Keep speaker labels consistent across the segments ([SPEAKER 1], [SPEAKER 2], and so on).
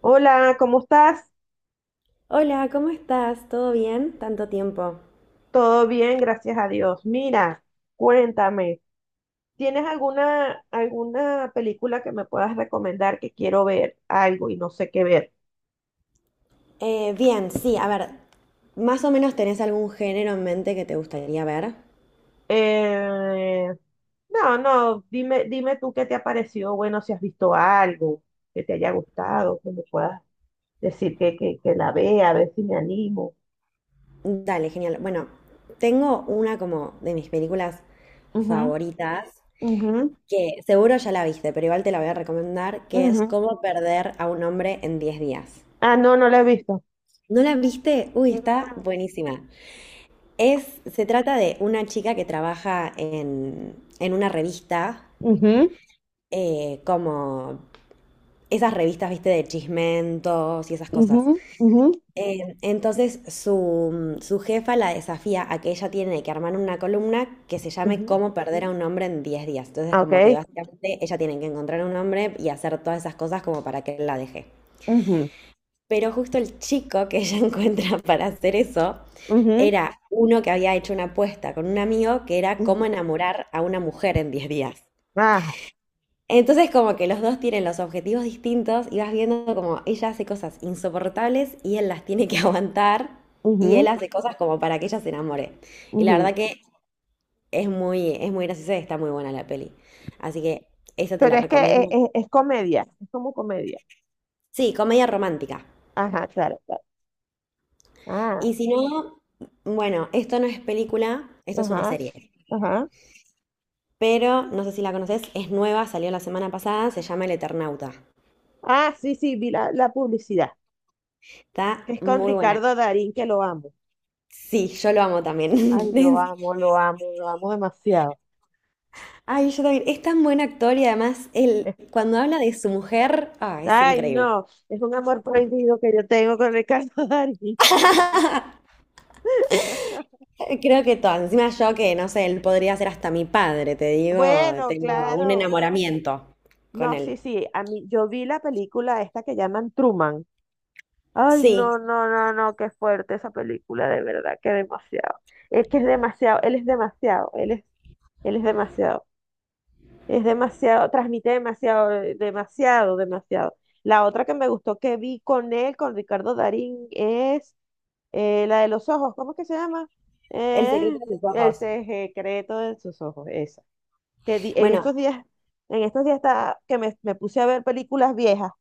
[SPEAKER 1] Hola, ¿cómo estás?
[SPEAKER 2] Hola, ¿cómo estás? ¿Todo bien? Tanto tiempo.
[SPEAKER 1] Todo bien, gracias a Dios. Mira, cuéntame, ¿tienes alguna película que me puedas recomendar que quiero ver algo y no sé qué ver?
[SPEAKER 2] Bien, sí, a ver, ¿más o menos tenés algún género en mente que te gustaría ver?
[SPEAKER 1] Eh, no, no, dime, dime tú qué te ha parecido, bueno, si has visto algo que te haya gustado, que me puedas decir que la vea, a ver si me animo.
[SPEAKER 2] Dale, genial. Bueno, tengo una como de mis películas favoritas,
[SPEAKER 1] Ujú,
[SPEAKER 2] que seguro ya la viste, pero igual te la voy a recomendar,
[SPEAKER 1] ujú,
[SPEAKER 2] que es
[SPEAKER 1] ujú.
[SPEAKER 2] Cómo perder a un hombre en 10 días.
[SPEAKER 1] Ah, no, no la he visto.
[SPEAKER 2] ¿No la viste? Uy, está
[SPEAKER 1] No.
[SPEAKER 2] buenísima. Es, se trata de una chica que trabaja en una revista
[SPEAKER 1] Ujú,
[SPEAKER 2] como esas revistas, viste, de chismentos y esas cosas.
[SPEAKER 1] ujú, ujú,
[SPEAKER 2] Entonces su jefa la desafía a que ella tiene que armar una columna que se llame
[SPEAKER 1] ujú.
[SPEAKER 2] Cómo perder a un hombre en diez días. Entonces
[SPEAKER 1] Ah,
[SPEAKER 2] como que
[SPEAKER 1] ok.
[SPEAKER 2] básicamente ella tiene que encontrar a un hombre y hacer todas esas cosas como para que él la deje.
[SPEAKER 1] Ujú.
[SPEAKER 2] Pero justo el chico que ella encuentra para hacer eso
[SPEAKER 1] Ujú,
[SPEAKER 2] era uno que había hecho una apuesta con un amigo que era cómo
[SPEAKER 1] ujú,
[SPEAKER 2] enamorar a una mujer en 10 días.
[SPEAKER 1] ajá,
[SPEAKER 2] Entonces como que los dos tienen los objetivos distintos y vas viendo como ella hace cosas insoportables y él las tiene que aguantar y él
[SPEAKER 1] ujú,
[SPEAKER 2] hace cosas como para que ella se enamore. Y la
[SPEAKER 1] ujú.
[SPEAKER 2] verdad que es muy graciosa y está muy buena la peli. Así que esa te
[SPEAKER 1] Pero
[SPEAKER 2] la
[SPEAKER 1] es que
[SPEAKER 2] recomiendo.
[SPEAKER 1] es comedia, es como comedia.
[SPEAKER 2] Sí, comedia romántica.
[SPEAKER 1] Ajá, claro, claro. Ah,
[SPEAKER 2] Y si no, bueno, esto no es película, esto es una
[SPEAKER 1] ajá,
[SPEAKER 2] serie.
[SPEAKER 1] ajá.
[SPEAKER 2] Pero no sé si la conoces, es nueva, salió la semana pasada, se llama El Eternauta.
[SPEAKER 1] Ah, sí, sí, vi la publicidad,
[SPEAKER 2] Está
[SPEAKER 1] que es con
[SPEAKER 2] muy buena.
[SPEAKER 1] Ricardo Darín, que lo amo.
[SPEAKER 2] Sí, yo lo amo también.
[SPEAKER 1] Ay, lo amo, lo amo, lo amo demasiado.
[SPEAKER 2] Ay, yo también. Es tan buen actor y además él,
[SPEAKER 1] Es-
[SPEAKER 2] cuando habla de su mujer, ah, es
[SPEAKER 1] Ay,
[SPEAKER 2] increíble.
[SPEAKER 1] no, es un amor prohibido que yo tengo con Ricardo Darín.
[SPEAKER 2] Creo que todo. Encima yo que, no sé, él podría ser hasta mi padre, te digo,
[SPEAKER 1] Bueno,
[SPEAKER 2] tengo un
[SPEAKER 1] claro.
[SPEAKER 2] enamoramiento con
[SPEAKER 1] No, sí,
[SPEAKER 2] él.
[SPEAKER 1] sí, a mí, yo vi la película esta que llaman Truman. Ay,
[SPEAKER 2] Sí,
[SPEAKER 1] no, no, no, no, qué fuerte esa película, de verdad, que demasiado. Es que es demasiado, él es demasiado, él es demasiado, transmite demasiado, demasiado, demasiado. La otra que me gustó que vi con él, con Ricardo Darín, es la de los ojos, ¿cómo es que se llama?
[SPEAKER 2] el secreto
[SPEAKER 1] Eh,
[SPEAKER 2] de sus
[SPEAKER 1] el
[SPEAKER 2] ojos.
[SPEAKER 1] secreto de sus ojos, esa. En
[SPEAKER 2] Bueno,
[SPEAKER 1] estos días, en estos días está, me puse a ver películas viejas,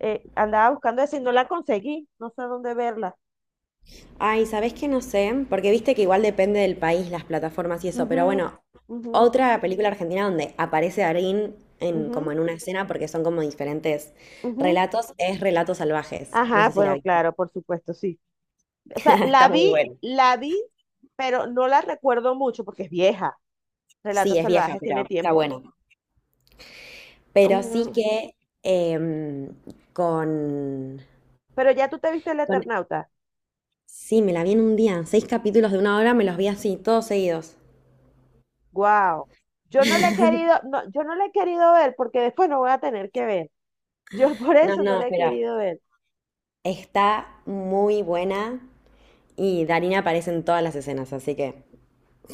[SPEAKER 1] andaba buscando esa y no la conseguí, no sé dónde verla.
[SPEAKER 2] ay, ¿sabés qué? No sé, porque viste que igual depende del país, las plataformas y eso,
[SPEAKER 1] Ujú,
[SPEAKER 2] pero bueno,
[SPEAKER 1] ujú,
[SPEAKER 2] otra película argentina donde aparece Darín en, como
[SPEAKER 1] ujú,
[SPEAKER 2] en una escena, porque son como diferentes
[SPEAKER 1] ujú.
[SPEAKER 2] relatos, es Relatos Salvajes. No
[SPEAKER 1] Ajá,
[SPEAKER 2] sé si la
[SPEAKER 1] bueno,
[SPEAKER 2] viste.
[SPEAKER 1] claro, por supuesto, sí. O sea,
[SPEAKER 2] Está muy bueno.
[SPEAKER 1] la vi, pero no la recuerdo mucho porque es vieja.
[SPEAKER 2] Sí,
[SPEAKER 1] Relatos
[SPEAKER 2] es vieja,
[SPEAKER 1] Salvajes tiene
[SPEAKER 2] pero está
[SPEAKER 1] tiempo.
[SPEAKER 2] buena. Pero sí
[SPEAKER 1] Ujú.
[SPEAKER 2] que em, con,
[SPEAKER 1] Pero ya tú te viste El
[SPEAKER 2] con...
[SPEAKER 1] Eternauta.
[SPEAKER 2] Sí, me la vi en un día. Seis capítulos de una hora me los vi así, todos seguidos.
[SPEAKER 1] Wow. Yo no la he querido, no, yo no la he querido ver porque después no voy a tener que ver. Yo por
[SPEAKER 2] No,
[SPEAKER 1] eso no
[SPEAKER 2] no,
[SPEAKER 1] la he
[SPEAKER 2] pero
[SPEAKER 1] querido ver.
[SPEAKER 2] está muy buena y Darina aparece en todas las escenas, así que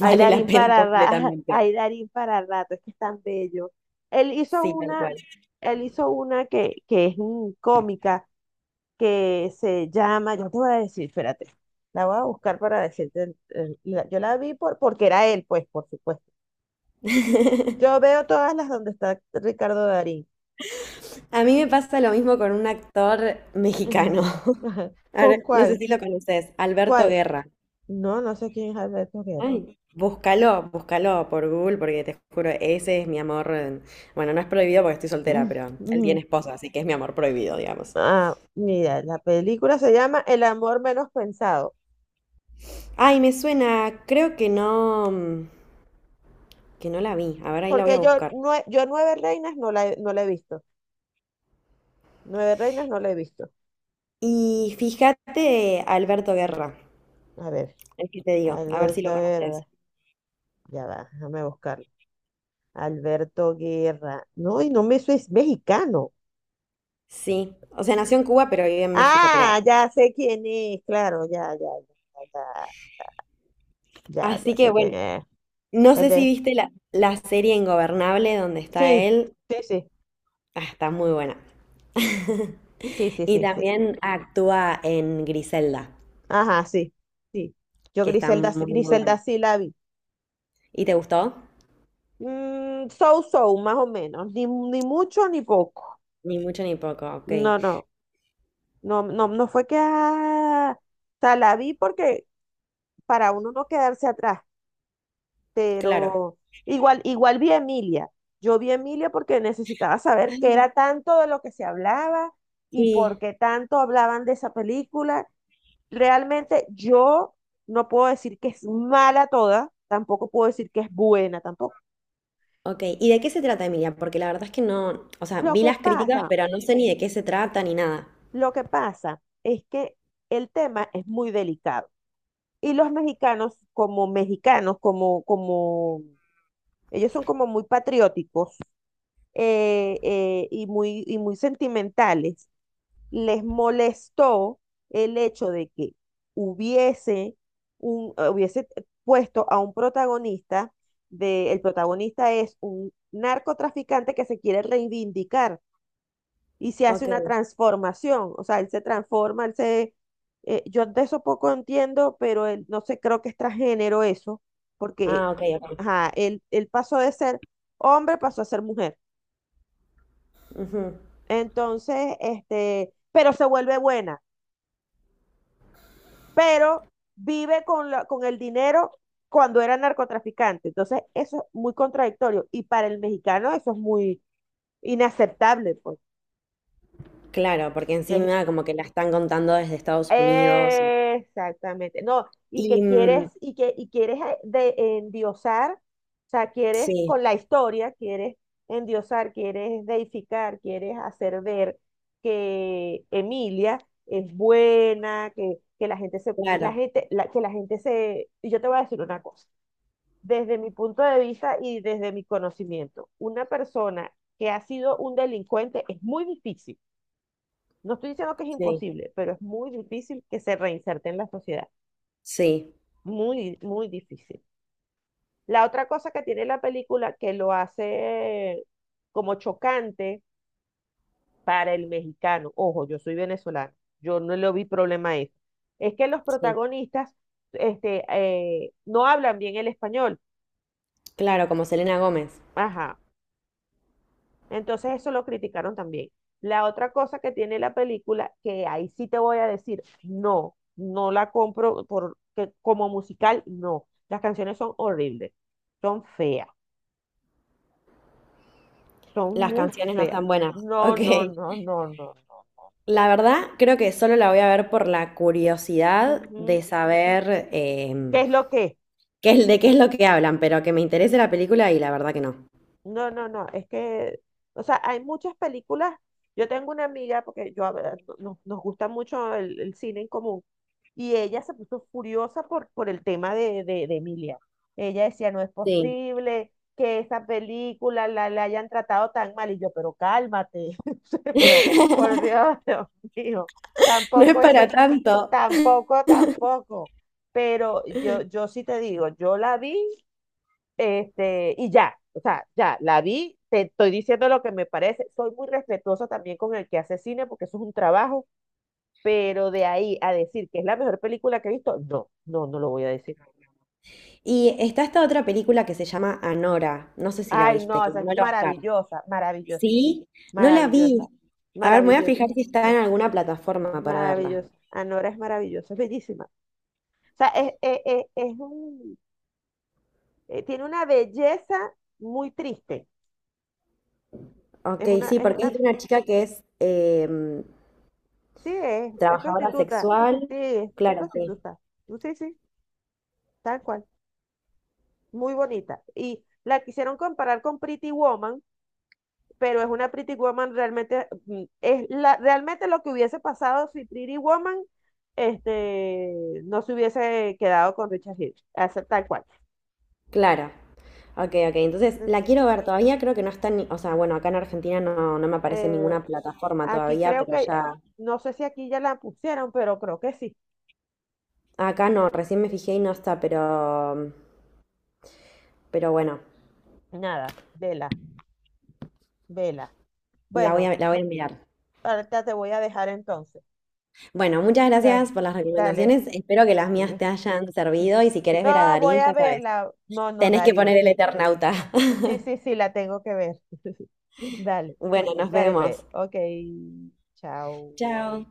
[SPEAKER 1] Ay,
[SPEAKER 2] la
[SPEAKER 1] Darín
[SPEAKER 2] pena
[SPEAKER 1] para rato,
[SPEAKER 2] completamente.
[SPEAKER 1] ay, Darín para rato, es que es tan bello. Él hizo
[SPEAKER 2] Sí, tal
[SPEAKER 1] una,
[SPEAKER 2] cual.
[SPEAKER 1] él hizo una que es cómica, que se llama, yo te voy a decir, espérate, la voy a buscar para decirte, yo la vi porque era él, pues, por supuesto. Yo veo todas las donde está Ricardo Darín.
[SPEAKER 2] A mí me pasa lo mismo con un actor mexicano.
[SPEAKER 1] Ujú, ajá.
[SPEAKER 2] A
[SPEAKER 1] ¿Con
[SPEAKER 2] ver, no sé
[SPEAKER 1] cuál?
[SPEAKER 2] si lo conoces, Alberto
[SPEAKER 1] ¿Cuál?
[SPEAKER 2] Guerra.
[SPEAKER 1] No, no sé quién es Alberto Guerra.
[SPEAKER 2] Ay, búscalo, búscalo por Google, porque te juro, ese es mi amor. Bueno, no es prohibido porque estoy soltera,
[SPEAKER 1] Mm,
[SPEAKER 2] pero él
[SPEAKER 1] mm.
[SPEAKER 2] tiene esposa, así que es mi amor prohibido, digamos.
[SPEAKER 1] Ah, mira, la película se llama El amor menos pensado,
[SPEAKER 2] Ay, me suena, creo que no, que no la vi. A ver, ahí la voy a
[SPEAKER 1] porque yo,
[SPEAKER 2] buscar.
[SPEAKER 1] yo Nueve Reinas no la he visto. Nueve Reinas no la he visto.
[SPEAKER 2] Y fíjate, Alberto Guerra,
[SPEAKER 1] A ver,
[SPEAKER 2] el que te digo, a ver si
[SPEAKER 1] Alberto
[SPEAKER 2] lo conoces.
[SPEAKER 1] Guerra, ya va, déjame buscarla. Alberto Guerra. No, y no me eso es mexicano.
[SPEAKER 2] Sí, o sea, nació en Cuba, pero vive en México, pero.
[SPEAKER 1] Ah, ya sé quién es, claro, ya, ya, ya, ya, ya,
[SPEAKER 2] Así
[SPEAKER 1] ya
[SPEAKER 2] que
[SPEAKER 1] sé
[SPEAKER 2] bueno,
[SPEAKER 1] quién es.
[SPEAKER 2] no
[SPEAKER 1] El
[SPEAKER 2] sé si
[SPEAKER 1] de...
[SPEAKER 2] viste la serie Ingobernable donde está
[SPEAKER 1] Sí,
[SPEAKER 2] él.
[SPEAKER 1] sí, sí,
[SPEAKER 2] Ah, está muy buena.
[SPEAKER 1] sí, sí,
[SPEAKER 2] Y
[SPEAKER 1] sí, sí.
[SPEAKER 2] también actúa en Griselda,
[SPEAKER 1] Ajá, sí, sí. Yo
[SPEAKER 2] que está
[SPEAKER 1] Griselda,
[SPEAKER 2] muy, muy buena.
[SPEAKER 1] Griselda sí la vi.
[SPEAKER 2] ¿Y te gustó?
[SPEAKER 1] Mm, so, so, más o menos. Ni, ni mucho ni poco.
[SPEAKER 2] Ni mucho ni poco, ok.
[SPEAKER 1] No, no, no, no, no fue que... ah, o sea, la vi porque para uno no quedarse atrás.
[SPEAKER 2] Claro.
[SPEAKER 1] Pero igual, igual vi a Emilia. Yo vi a Emilia porque necesitaba saber qué
[SPEAKER 2] Ay,
[SPEAKER 1] era tanto de lo que se hablaba y por
[SPEAKER 2] sí.
[SPEAKER 1] qué tanto hablaban de esa película. Realmente yo no puedo decir que es mala toda, tampoco puedo decir que es buena tampoco.
[SPEAKER 2] Ok, ¿y de qué se trata, Emilia? Porque la verdad es que no, o sea,
[SPEAKER 1] Lo
[SPEAKER 2] vi
[SPEAKER 1] que
[SPEAKER 2] las críticas,
[SPEAKER 1] pasa,
[SPEAKER 2] pero no sé ni de qué se trata ni nada.
[SPEAKER 1] lo que pasa es que el tema es muy delicado. Y los mexicanos, como mexicanos, ellos son como muy patrióticos, y muy sentimentales. Les molestó el hecho de que hubiese, hubiese puesto a un protagonista, de, el protagonista es un narcotraficante que se quiere reivindicar y se hace
[SPEAKER 2] Ok,
[SPEAKER 1] una transformación, o sea, él se transforma, él se... yo de eso poco entiendo, pero él, no sé, creo que es transgénero eso, porque
[SPEAKER 2] ah, ok, ok.
[SPEAKER 1] ajá, él pasó de ser hombre, pasó a ser mujer.
[SPEAKER 2] Ujú.
[SPEAKER 1] Entonces, este, pero se vuelve buena, pero vive con, con el dinero cuando era narcotraficante. Entonces, eso es muy contradictorio. Y para el mexicano eso es muy inaceptable, pues.
[SPEAKER 2] Claro, porque
[SPEAKER 1] Es
[SPEAKER 2] encima como que la están contando desde Estados Unidos.
[SPEAKER 1] Exactamente. No, y
[SPEAKER 2] Y
[SPEAKER 1] que quieres, y quieres, de endiosar, o sea, quieres
[SPEAKER 2] sí,
[SPEAKER 1] con la historia, quieres endiosar, quieres deificar, quieres hacer ver que Emilia es buena, que la gente se, la
[SPEAKER 2] claro,
[SPEAKER 1] gente, que la gente se, y yo te voy a decir una cosa, desde mi punto de vista y desde mi conocimiento, una persona que ha sido un delincuente es muy difícil, no estoy diciendo que es
[SPEAKER 2] sí,
[SPEAKER 1] imposible, pero es muy difícil que se reinserte en la sociedad.
[SPEAKER 2] sí,
[SPEAKER 1] Muy, muy difícil. La otra cosa que tiene la película, que lo hace como chocante para el mexicano, ojo, yo soy venezolano, yo no le vi problema a eso, es que los
[SPEAKER 2] sí.
[SPEAKER 1] protagonistas no hablan bien el español.
[SPEAKER 2] Claro, como Selena Gómez.
[SPEAKER 1] Ajá, entonces eso lo criticaron también. La otra cosa que tiene la película, que ahí sí te voy a decir, no, no la compro por que como musical, no. Las canciones son horribles, son feas, son
[SPEAKER 2] Las
[SPEAKER 1] muy
[SPEAKER 2] canciones no
[SPEAKER 1] feas.
[SPEAKER 2] están buenas.
[SPEAKER 1] No,
[SPEAKER 2] Ok.
[SPEAKER 1] no, no, no, no, no.
[SPEAKER 2] La verdad, creo que solo la voy a ver por la curiosidad de
[SPEAKER 1] Ujú.
[SPEAKER 2] saber
[SPEAKER 1] ¿Qué es lo que es?
[SPEAKER 2] qué es, de qué es lo que hablan, pero que me interese la película y la verdad que no.
[SPEAKER 1] No, no, no, es que, o sea, hay muchas películas. Yo tengo una amiga, porque yo a ver, nos gusta mucho el cine en común, y ella se puso furiosa por el tema de Emilia. Ella decía, no es
[SPEAKER 2] Sí.
[SPEAKER 1] posible que esa película la hayan tratado tan mal, y yo, pero cálmate, pero por Dios, Dios mío,
[SPEAKER 2] No es
[SPEAKER 1] tampoco es
[SPEAKER 2] para
[SPEAKER 1] que,
[SPEAKER 2] tanto.
[SPEAKER 1] tampoco, tampoco, pero yo sí te digo, yo la vi, este, y ya, o sea, ya, la vi, te estoy diciendo lo que me parece, soy muy respetuosa también con el que hace cine porque eso es un trabajo, pero de ahí a decir que es la mejor película que he visto, no, no, no lo voy a decir.
[SPEAKER 2] Y está esta otra película que se llama Anora. No sé si la
[SPEAKER 1] Ay,
[SPEAKER 2] viste,
[SPEAKER 1] no,
[SPEAKER 2] que
[SPEAKER 1] esa es
[SPEAKER 2] ganó el Oscar.
[SPEAKER 1] maravillosa, maravillosa,
[SPEAKER 2] Sí, no la
[SPEAKER 1] maravillosa,
[SPEAKER 2] vi. A ver, me voy a
[SPEAKER 1] maravillosa,
[SPEAKER 2] fijar si está en alguna plataforma para verla.
[SPEAKER 1] maravillosa. Anora es maravillosa, es bellísima. O sea, es un, tiene una belleza muy triste.
[SPEAKER 2] Ok, sí,
[SPEAKER 1] Es
[SPEAKER 2] porque es
[SPEAKER 1] una,
[SPEAKER 2] de una chica que es
[SPEAKER 1] sí, es
[SPEAKER 2] trabajadora
[SPEAKER 1] prostituta,
[SPEAKER 2] sexual.
[SPEAKER 1] sí, es
[SPEAKER 2] Claro, sí.
[SPEAKER 1] prostituta. Sí, sí, tal cual, muy bonita. Y la quisieron comparar con Pretty Woman, pero es una Pretty Woman realmente, mm, es la, realmente lo que hubiese pasado si Pretty Woman este, no se hubiese quedado con Richard Hirsch, hace- tal cual.
[SPEAKER 2] Claro. Ok, ok. Entonces, la
[SPEAKER 1] Ent-
[SPEAKER 2] quiero ver todavía. Creo que no está ni. O sea, bueno, acá en Argentina no, no me aparece en
[SPEAKER 1] eh,
[SPEAKER 2] ninguna plataforma
[SPEAKER 1] aquí
[SPEAKER 2] todavía,
[SPEAKER 1] creo
[SPEAKER 2] pero
[SPEAKER 1] que,
[SPEAKER 2] ya.
[SPEAKER 1] no sé si aquí ya la pusieron, pero creo que sí.
[SPEAKER 2] Acá no, recién me fijé y no está, pero. Pero bueno,
[SPEAKER 1] Nada, vela, vela.
[SPEAKER 2] la voy
[SPEAKER 1] Bueno,
[SPEAKER 2] a, la voy a mirar.
[SPEAKER 1] ahorita te voy a dejar entonces.
[SPEAKER 2] Bueno, muchas gracias
[SPEAKER 1] Ya,
[SPEAKER 2] por las
[SPEAKER 1] dale.
[SPEAKER 2] recomendaciones. Espero que las mías te hayan servido. Y si querés ver a
[SPEAKER 1] No, voy
[SPEAKER 2] Darín,
[SPEAKER 1] a
[SPEAKER 2] ya sabes,
[SPEAKER 1] verla. No, no,
[SPEAKER 2] tenés que poner
[SPEAKER 1] Darín.
[SPEAKER 2] el Eternauta.
[SPEAKER 1] Sí, sí, sí, la tengo que ver. Dale,
[SPEAKER 2] Bueno, nos
[SPEAKER 1] dale, pues.
[SPEAKER 2] vemos.
[SPEAKER 1] Ok, chao.
[SPEAKER 2] Chao.